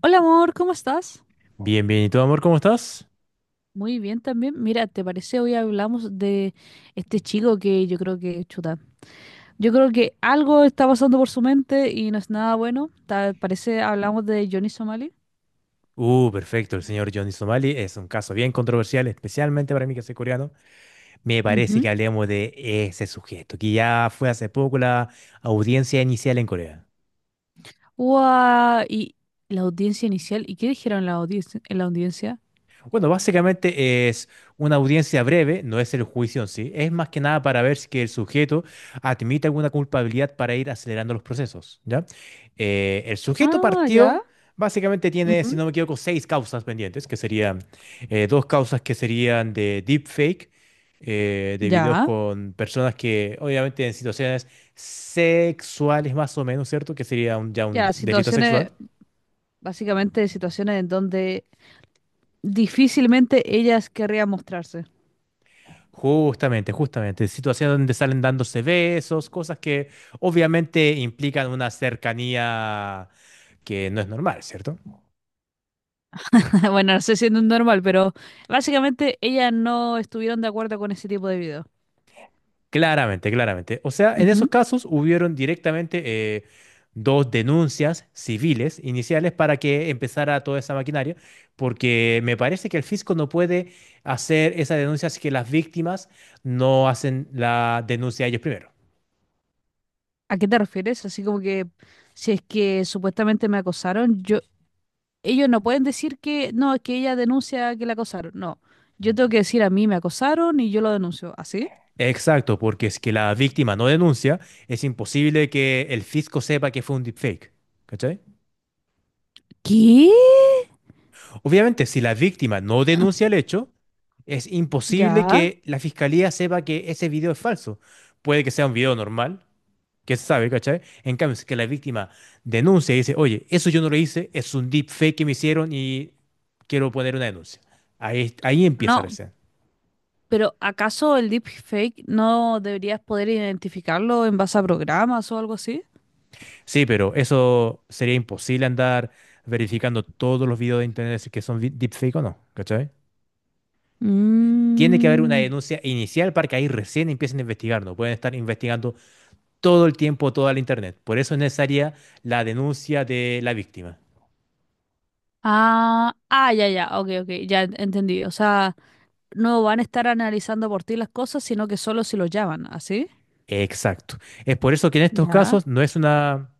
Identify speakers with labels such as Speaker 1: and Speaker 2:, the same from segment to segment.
Speaker 1: Hola amor, ¿cómo estás?
Speaker 2: Bien, bien. ¿Y tú, amor, cómo estás?
Speaker 1: Muy bien también. Mira, ¿te parece hoy hablamos de este chico que yo creo que chuta? Yo creo que algo está pasando por su mente y no es nada bueno. ¿Te parece hablamos de Johnny Somali?
Speaker 2: Perfecto. El señor Johnny Somali es un caso bien controversial, especialmente para mí que soy coreano. Me parece
Speaker 1: Ujú.
Speaker 2: que hablemos de ese sujeto, que ya fue hace poco la audiencia inicial en Corea.
Speaker 1: ¡Guau! Y la audiencia inicial. ¿Y qué dijeron en la audiencia? ¿En la audiencia?
Speaker 2: Bueno, básicamente es una audiencia breve, no es el juicio en sí, es más que nada para ver si que el sujeto admite alguna culpabilidad para ir acelerando los procesos, ¿ya? El sujeto
Speaker 1: Ah, ya.
Speaker 2: partió, básicamente tiene, si
Speaker 1: Ujú.
Speaker 2: no me equivoco, seis causas pendientes, que serían dos causas que serían de deepfake, de videos
Speaker 1: Ya.
Speaker 2: con personas que obviamente en situaciones sexuales más o menos, ¿cierto? Que sería ya un
Speaker 1: Ya,
Speaker 2: delito sexual.
Speaker 1: situaciones, básicamente situaciones en donde difícilmente ellas querrían mostrarse.
Speaker 2: Justamente, justamente. Situaciones donde salen dándose besos, cosas que obviamente implican una cercanía que no es normal, ¿cierto?
Speaker 1: Bueno, no sé si no es normal, pero básicamente ellas no estuvieron de acuerdo con ese tipo de video.
Speaker 2: Claramente, claramente. O sea, en esos
Speaker 1: Ujú.
Speaker 2: casos hubieron directamente eh, dos denuncias civiles iniciales para que empezara toda esa maquinaria, porque me parece que el fisco no puede hacer esa denuncia si que las víctimas no hacen la denuncia ellos primero.
Speaker 1: ¿A qué te refieres? Así como que si es que supuestamente me acosaron, yo, ellos no pueden decir que no, es que ella denuncia que la acosaron. No, yo tengo que decir a mí me acosaron y yo lo denuncio. ¿Así?
Speaker 2: Exacto, porque es que la víctima no denuncia, es imposible que el fisco sepa que fue un deepfake. ¿Cachai?
Speaker 1: ¿Qué?
Speaker 2: Obviamente, si la víctima no denuncia el hecho, es imposible
Speaker 1: Ya.
Speaker 2: que la fiscalía sepa que ese video es falso. Puede que sea un video normal, que se sabe, ¿cachai? En cambio, si que la víctima denuncia y dice, oye, eso yo no lo hice, es un deepfake que me hicieron y quiero poner una denuncia. Ahí empieza
Speaker 1: No,
Speaker 2: recién.
Speaker 1: pero ¿acaso el deepfake no deberías poder identificarlo en base a programas o algo así?
Speaker 2: Sí, pero eso sería imposible andar verificando todos los videos de internet si que son deepfake o no, ¿cachai? Tiene que haber una
Speaker 1: Mm.
Speaker 2: denuncia inicial para que ahí recién empiecen a investigar, no pueden estar investigando todo el tiempo toda la internet. Por eso es necesaria la denuncia de la víctima.
Speaker 1: Ah, ah, ya, ya, ok, ok, ya entendí. O sea, no van a estar analizando por ti las cosas, sino que solo si los llaman, ¿así?
Speaker 2: Exacto. Es por eso que en estos
Speaker 1: Ya.
Speaker 2: casos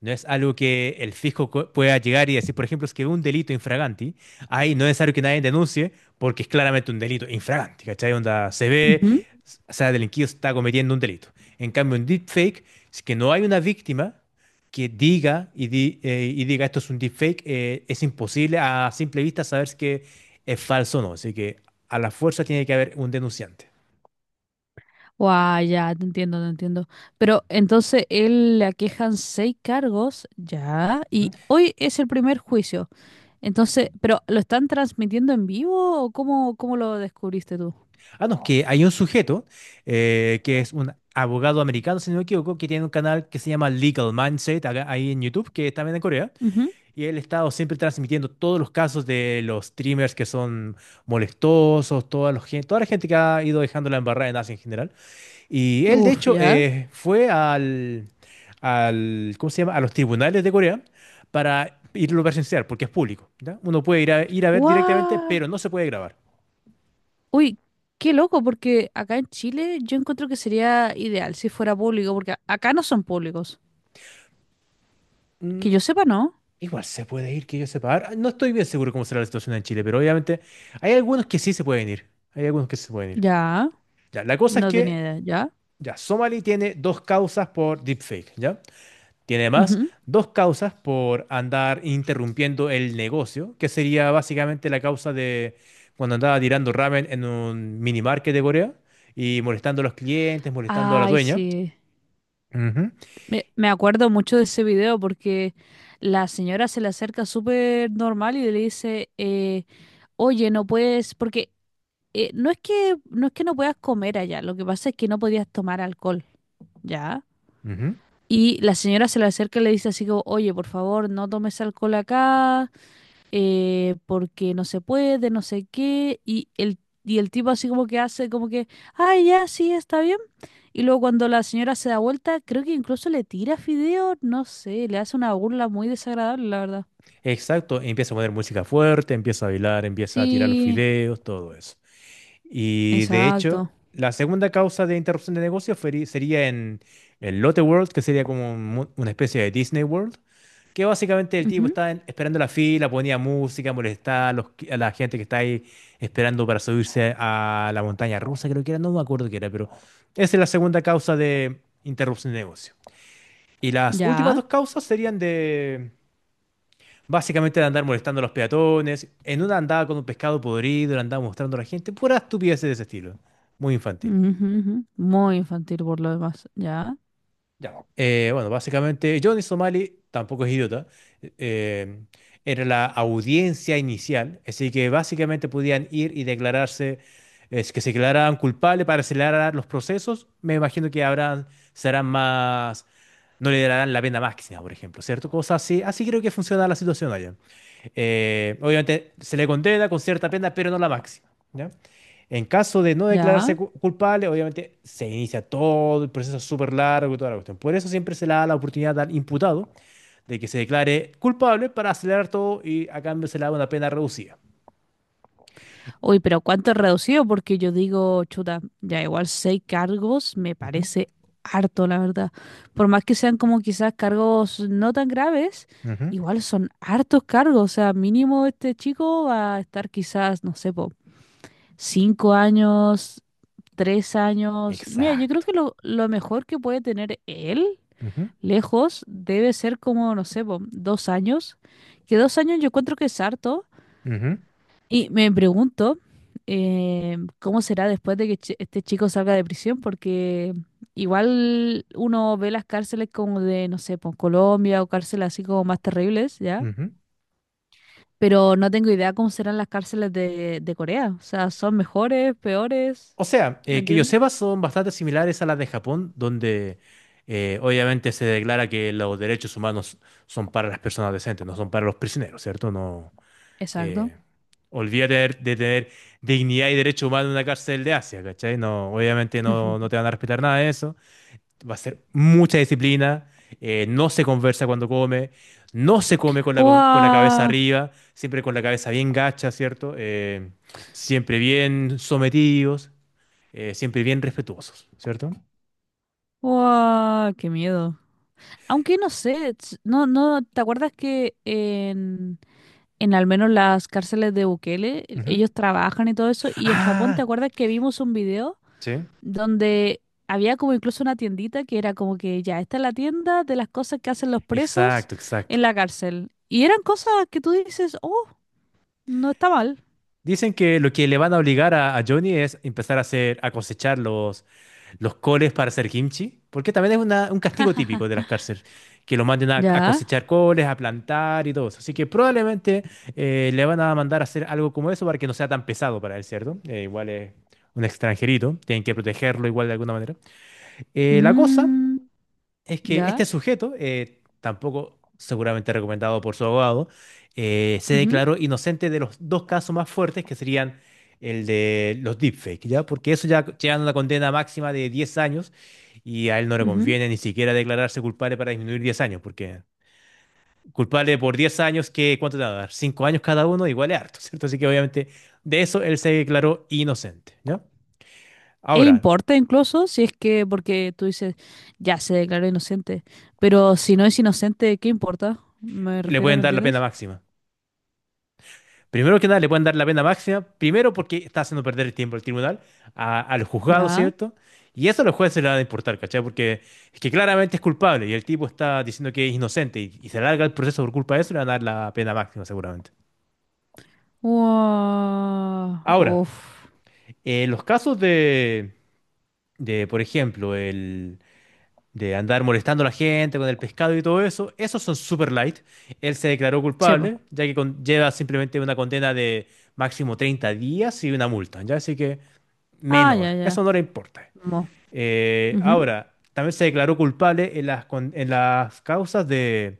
Speaker 2: No es algo que el fisco pueda llegar y decir, por ejemplo, es que un delito infraganti, ahí no es necesario que nadie denuncie porque es claramente un delito infraganti, ¿cachai? Onda se ve,
Speaker 1: Ujú.
Speaker 2: o sea, el delinquido está cometiendo un delito. En cambio, en deepfake, si que no hay una víctima que diga y diga esto es un deepfake, es imposible a simple vista saber si que es falso o no. Así que a la fuerza tiene que haber un denunciante.
Speaker 1: Guau, ya, te entiendo, te entiendo. Pero entonces él le aquejan seis cargos, ya,
Speaker 2: ¿Mm?
Speaker 1: y hoy es el primer juicio. Entonces, ¿pero lo están transmitiendo en vivo o cómo, cómo lo descubriste tú?
Speaker 2: Ah, no, que hay un sujeto que es un abogado americano, si no me equivoco, que tiene un canal que se llama Legal Mindset, ahí en YouTube, que está también en Corea,
Speaker 1: Ujú.
Speaker 2: y él ha estado siempre transmitiendo todos los casos de los streamers que son molestosos, toda la gente que ha ido dejando la embarrada en Asia en general. Y él, de
Speaker 1: Uf,
Speaker 2: hecho,
Speaker 1: ya.
Speaker 2: fue al, ¿cómo se llama? A los tribunales de Corea para irlo a presenciar, porque es público, ¿ya? Uno puede ir a ver directamente,
Speaker 1: ¡Guau!
Speaker 2: pero no se puede grabar.
Speaker 1: Uy, qué loco, porque acá en Chile yo encuentro que sería ideal si fuera público, porque acá no son públicos. Que
Speaker 2: Mm,
Speaker 1: yo sepa, no.
Speaker 2: Igual se puede ir, que yo sepa. Ahora, no estoy bien seguro cómo será la situación en Chile, pero obviamente hay algunos que sí se pueden ir. Hay algunos que sí se pueden ir.
Speaker 1: Ya,
Speaker 2: Ya, la cosa es
Speaker 1: no tenía
Speaker 2: que,
Speaker 1: idea, ya.
Speaker 2: ya, Somali tiene dos causas por deepfake, ¿ya? Tiene además
Speaker 1: Ujú.
Speaker 2: dos causas por andar interrumpiendo el negocio, que sería básicamente la causa de cuando andaba tirando ramen en un mini market de Corea y molestando a los clientes, molestando a la
Speaker 1: Ay,
Speaker 2: dueña.
Speaker 1: sí.
Speaker 2: Ujú,
Speaker 1: Me acuerdo mucho de ese video porque la señora se le acerca súper normal y le dice, oye, no puedes, porque no es que no puedas comer allá, lo que pasa es que no podías tomar alcohol, ¿ya?
Speaker 2: ujú.
Speaker 1: Y la señora se le acerca y le dice así como, oye, por favor, no tomes alcohol acá, porque no se puede, no sé qué, y el tipo así como que hace como que, ay, ya, sí, está bien. Y luego cuando la señora se da vuelta, creo que incluso le tira fideo, no sé, le hace una burla muy desagradable, la verdad.
Speaker 2: Exacto, y empieza a poner música fuerte, empieza a bailar, empieza a tirar los
Speaker 1: Sí,
Speaker 2: fideos, todo eso. Y de hecho,
Speaker 1: exacto.
Speaker 2: la segunda causa de interrupción de negocio sería en el Lotte World, que sería como una especie de Disney World, que básicamente el tipo
Speaker 1: Ujú.
Speaker 2: estaba esperando la fila, ponía música, molestaba a la gente que está ahí esperando para subirse a la montaña rusa, creo que era, no me acuerdo qué era, pero esa es la segunda causa de interrupción de negocio. Y las últimas
Speaker 1: Ya.
Speaker 2: dos causas serían de, básicamente, de andar molestando a los peatones. En una andaba con un pescado podrido, le andaba mostrando a la gente. Pura estupidez de ese estilo. Muy infantil.
Speaker 1: Ujú, ujú. Muy infantil por lo demás. Ya,
Speaker 2: Ya. Bueno, básicamente Johnny Somali tampoco es idiota. eh, Era la audiencia inicial, así que básicamente podían ir y declararse, es que se declararan culpables para acelerar los procesos. Me imagino que serán más, no le darán la pena máxima, por ejemplo, ¿cierto? Cosas así. Así creo que funciona la situación allá. Obviamente se le condena con cierta pena, pero no la máxima, ¿ya? En caso de no declararse
Speaker 1: ya.
Speaker 2: culpable, obviamente se inicia todo el proceso súper largo y toda la cuestión. Por eso siempre se le da la oportunidad al imputado de que se declare culpable para acelerar todo y a cambio se le da una pena reducida.
Speaker 1: Uy, pero ¿cuánto es reducido? Porque yo digo, chuta, ya igual seis cargos me
Speaker 2: Ujú,
Speaker 1: parece harto, la verdad. Por más que sean como quizás cargos no tan graves,
Speaker 2: ujú.
Speaker 1: igual son hartos cargos. O sea, mínimo este chico va a estar quizás, no sé, po, cinco años, tres años. Mira, yo creo
Speaker 2: Exacto.
Speaker 1: que lo mejor que puede tener él
Speaker 2: Ujú,
Speaker 1: lejos debe ser como, no sé, po, dos años. Que dos años yo encuentro que es harto.
Speaker 2: ujú,
Speaker 1: Y me pregunto cómo será después de que este chico salga de prisión, porque igual uno ve las cárceles como de, no sé, pues Colombia o cárceles así como más terribles, ¿ya?
Speaker 2: ujú.
Speaker 1: Pero no tengo idea cómo serán las cárceles de Corea. O sea, ¿son mejores, peores?
Speaker 2: O sea,
Speaker 1: ¿Me
Speaker 2: que yo
Speaker 1: entiendes?
Speaker 2: sepa, son bastante similares a las de Japón, donde obviamente se declara que los derechos humanos son para las personas decentes, no son para los prisioneros, ¿cierto? No,
Speaker 1: Exacto.
Speaker 2: eh, olvídate de, tener dignidad y derechos humanos en una cárcel de Asia, ¿cachai? No, obviamente no te van a respetar nada de eso. Va a ser mucha disciplina, no se conversa cuando come, no se come con la, con la cabeza
Speaker 1: ¡Wow!
Speaker 2: arriba, siempre con la cabeza bien gacha, ¿cierto? Siempre bien sometidos, siempre bien respetuosos, ¿cierto?
Speaker 1: ¡Wow! ¡Qué miedo! Aunque no sé, no, no, ¿te acuerdas que en al menos las cárceles de Bukele,
Speaker 2: Ujú.
Speaker 1: ellos trabajan y todo eso? Y en Japón, ¿te
Speaker 2: Ah,
Speaker 1: acuerdas que vimos un video
Speaker 2: sí.
Speaker 1: donde había como incluso una tiendita que era como que ya, esta es la tienda de las cosas que hacen los presos
Speaker 2: Exacto, exacto.
Speaker 1: en la cárcel? Y eran cosas que tú dices, oh, no está mal.
Speaker 2: Dicen que lo que le van a obligar a Johnny es empezar a a cosechar los coles para hacer kimchi, porque también es un castigo típico de las cárceles, que lo manden a
Speaker 1: Ya,
Speaker 2: cosechar coles, a plantar y todo eso. Así que probablemente le van a mandar a hacer algo como eso para que no sea tan pesado para él, ¿cierto? Igual es un extranjerito, tienen que protegerlo igual de alguna manera. La cosa
Speaker 1: mm,
Speaker 2: es que
Speaker 1: ya,
Speaker 2: este sujeto, tampoco seguramente recomendado por su abogado, se
Speaker 1: ujú,
Speaker 2: declaró inocente de los dos casos más fuertes que serían el de los deepfakes, ¿ya? Porque eso ya llega a una condena máxima de 10 años y a él no le
Speaker 1: ujú.
Speaker 2: conviene ni siquiera declararse culpable para disminuir 10 años, porque culpable por 10 años, qué ¿cuánto te va a dar? 5 años cada uno, igual es harto, ¿cierto? Así que obviamente de eso él se declaró inocente, ¿ya?
Speaker 1: E
Speaker 2: Ahora,
Speaker 1: importa incluso si es que, porque tú dices, ya se declaró inocente, pero si no es inocente, ¿qué importa? Me
Speaker 2: le
Speaker 1: refiero,
Speaker 2: pueden
Speaker 1: ¿me
Speaker 2: dar la pena
Speaker 1: entiendes?
Speaker 2: máxima. Primero que nada, le pueden dar la pena máxima, primero porque está haciendo perder el tiempo al tribunal, a los juzgados,
Speaker 1: Ya.
Speaker 2: ¿cierto? Y eso a los jueces le van a importar, ¿cachai? Porque es que claramente es culpable y el tipo está diciendo que es inocente y se alarga el proceso por culpa de eso, le van a dar la pena máxima seguramente.
Speaker 1: Wow.
Speaker 2: Ahora,
Speaker 1: Uf.
Speaker 2: los casos por ejemplo, el de andar molestando a la gente con el pescado y todo eso, esos son super light. Él se declaró
Speaker 1: Chepo.
Speaker 2: culpable, ya que lleva simplemente una condena de máximo 30 días y una multa, ¿ya? Así que
Speaker 1: Ah,
Speaker 2: menor.
Speaker 1: ya, ya.
Speaker 2: Eso no le importa.
Speaker 1: Mo. Ujú.
Speaker 2: Ahora, también se declaró culpable en en las causas de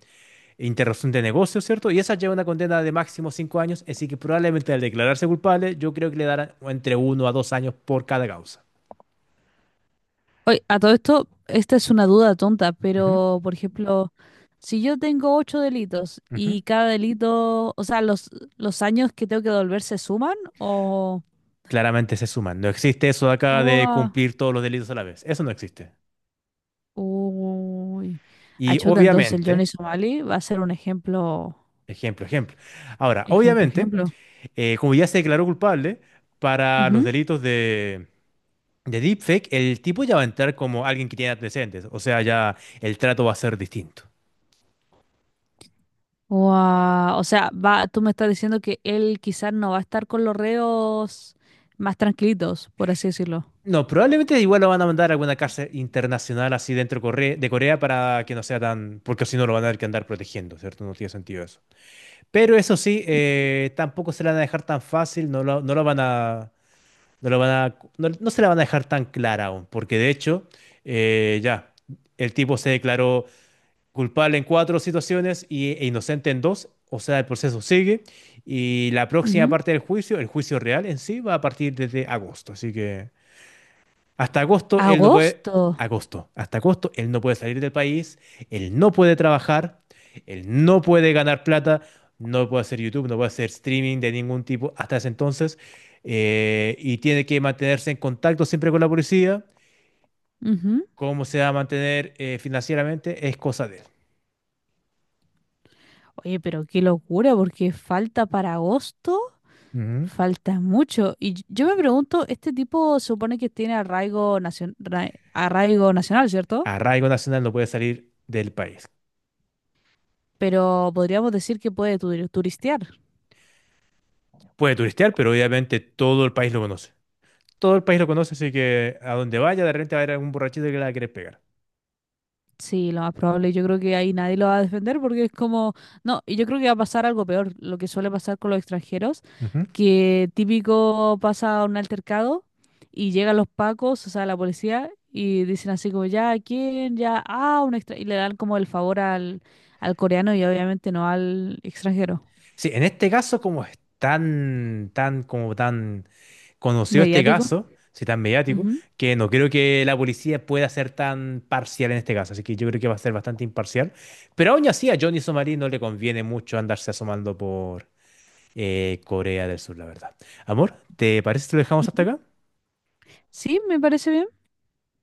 Speaker 2: interrupción de negocio, ¿cierto? Y esa lleva una condena de máximo 5 años, así que probablemente al declararse culpable, yo creo que le darán entre 1 a 2 años por cada causa.
Speaker 1: Oye, a todo esto, esta es una duda tonta,
Speaker 2: Ujú,
Speaker 1: pero por ejemplo, si yo tengo ocho delitos
Speaker 2: ujú.
Speaker 1: y cada delito, o sea, los años que tengo que devolver se suman o...
Speaker 2: Claramente se suman. No existe eso de acá de
Speaker 1: Ua.
Speaker 2: cumplir todos los delitos a la vez. Eso no existe.
Speaker 1: Uy.
Speaker 2: Y
Speaker 1: Achuta, entonces el
Speaker 2: obviamente,
Speaker 1: Johnny Somali va a ser un ejemplo,
Speaker 2: ejemplo, ejemplo. Ahora,
Speaker 1: ejemplo,
Speaker 2: obviamente,
Speaker 1: ejemplo.
Speaker 2: como ya se declaró culpable para los
Speaker 1: Ujú.
Speaker 2: delitos de deepfake, el tipo ya va a entrar como alguien que tiene antecedentes. O sea, ya el trato va a ser distinto.
Speaker 1: Guau, o sea, va, tú me estás diciendo que él quizás no va a estar con los reos más tranquilitos, por así decirlo.
Speaker 2: No, probablemente igual lo van a mandar a alguna cárcel internacional así dentro de Corea para que no sea tan. Porque si no lo van a tener que andar protegiendo, ¿cierto? No tiene sentido eso. Pero eso sí, tampoco se la van a dejar tan fácil, no lo van a. No, no se la van a dejar tan clara aún, porque de hecho, ya, el tipo se declaró culpable en cuatro situaciones e inocente en dos. O sea, el proceso sigue y la próxima
Speaker 1: Ujú.
Speaker 2: parte del juicio, el juicio real en sí, va a partir desde agosto. Así que hasta agosto él no puede,
Speaker 1: Agosto.
Speaker 2: hasta agosto él no puede salir del país, él no puede trabajar, él no puede ganar plata, no puede hacer YouTube, no puede hacer streaming de ningún tipo hasta ese entonces, y tiene que mantenerse en contacto siempre con la policía.
Speaker 1: Ujú.
Speaker 2: Cómo se va a mantener financieramente es cosa de él.
Speaker 1: Oye, pero qué locura, porque falta para agosto,
Speaker 2: Ujú.
Speaker 1: falta mucho. Y yo me pregunto, este tipo supone que tiene arraigo, arraigo nacional, ¿cierto?
Speaker 2: Arraigo nacional no puede salir del país.
Speaker 1: Pero podríamos decir que puede turistear.
Speaker 2: Puede turistear, pero obviamente todo el país lo conoce. Todo el país lo conoce, así que a donde vaya, de repente va a haber algún borrachito que la quiere pegar.
Speaker 1: Sí, lo más probable, yo creo que ahí nadie lo va a defender porque es como, no, y yo creo que va a pasar algo peor, lo que suele pasar con los extranjeros,
Speaker 2: Ujú.
Speaker 1: que típico pasa un altercado y llegan los pacos, o sea, la policía, y dicen así como, ya, ¿a ¿quién? Ya, ah, un extra, y le dan como el favor al, al coreano y obviamente no al extranjero.
Speaker 2: Sí, en este caso, como es tan, tan, como tan conocido este
Speaker 1: Mediático.
Speaker 2: caso, sí, tan mediático,
Speaker 1: Ujú,
Speaker 2: que no creo que la policía pueda ser tan parcial en este caso. Así que yo creo que va a ser bastante imparcial. Pero aún así, a Johnny Somarí no le conviene mucho andarse asomando por Corea del Sur, la verdad. Amor, ¿te parece que lo dejamos hasta
Speaker 1: ujú.
Speaker 2: acá?
Speaker 1: Sí, me parece bien.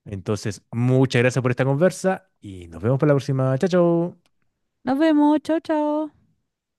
Speaker 2: Entonces, muchas gracias por esta conversa y nos vemos para la próxima. Chao, chao.
Speaker 1: Nos vemos, chao, chao.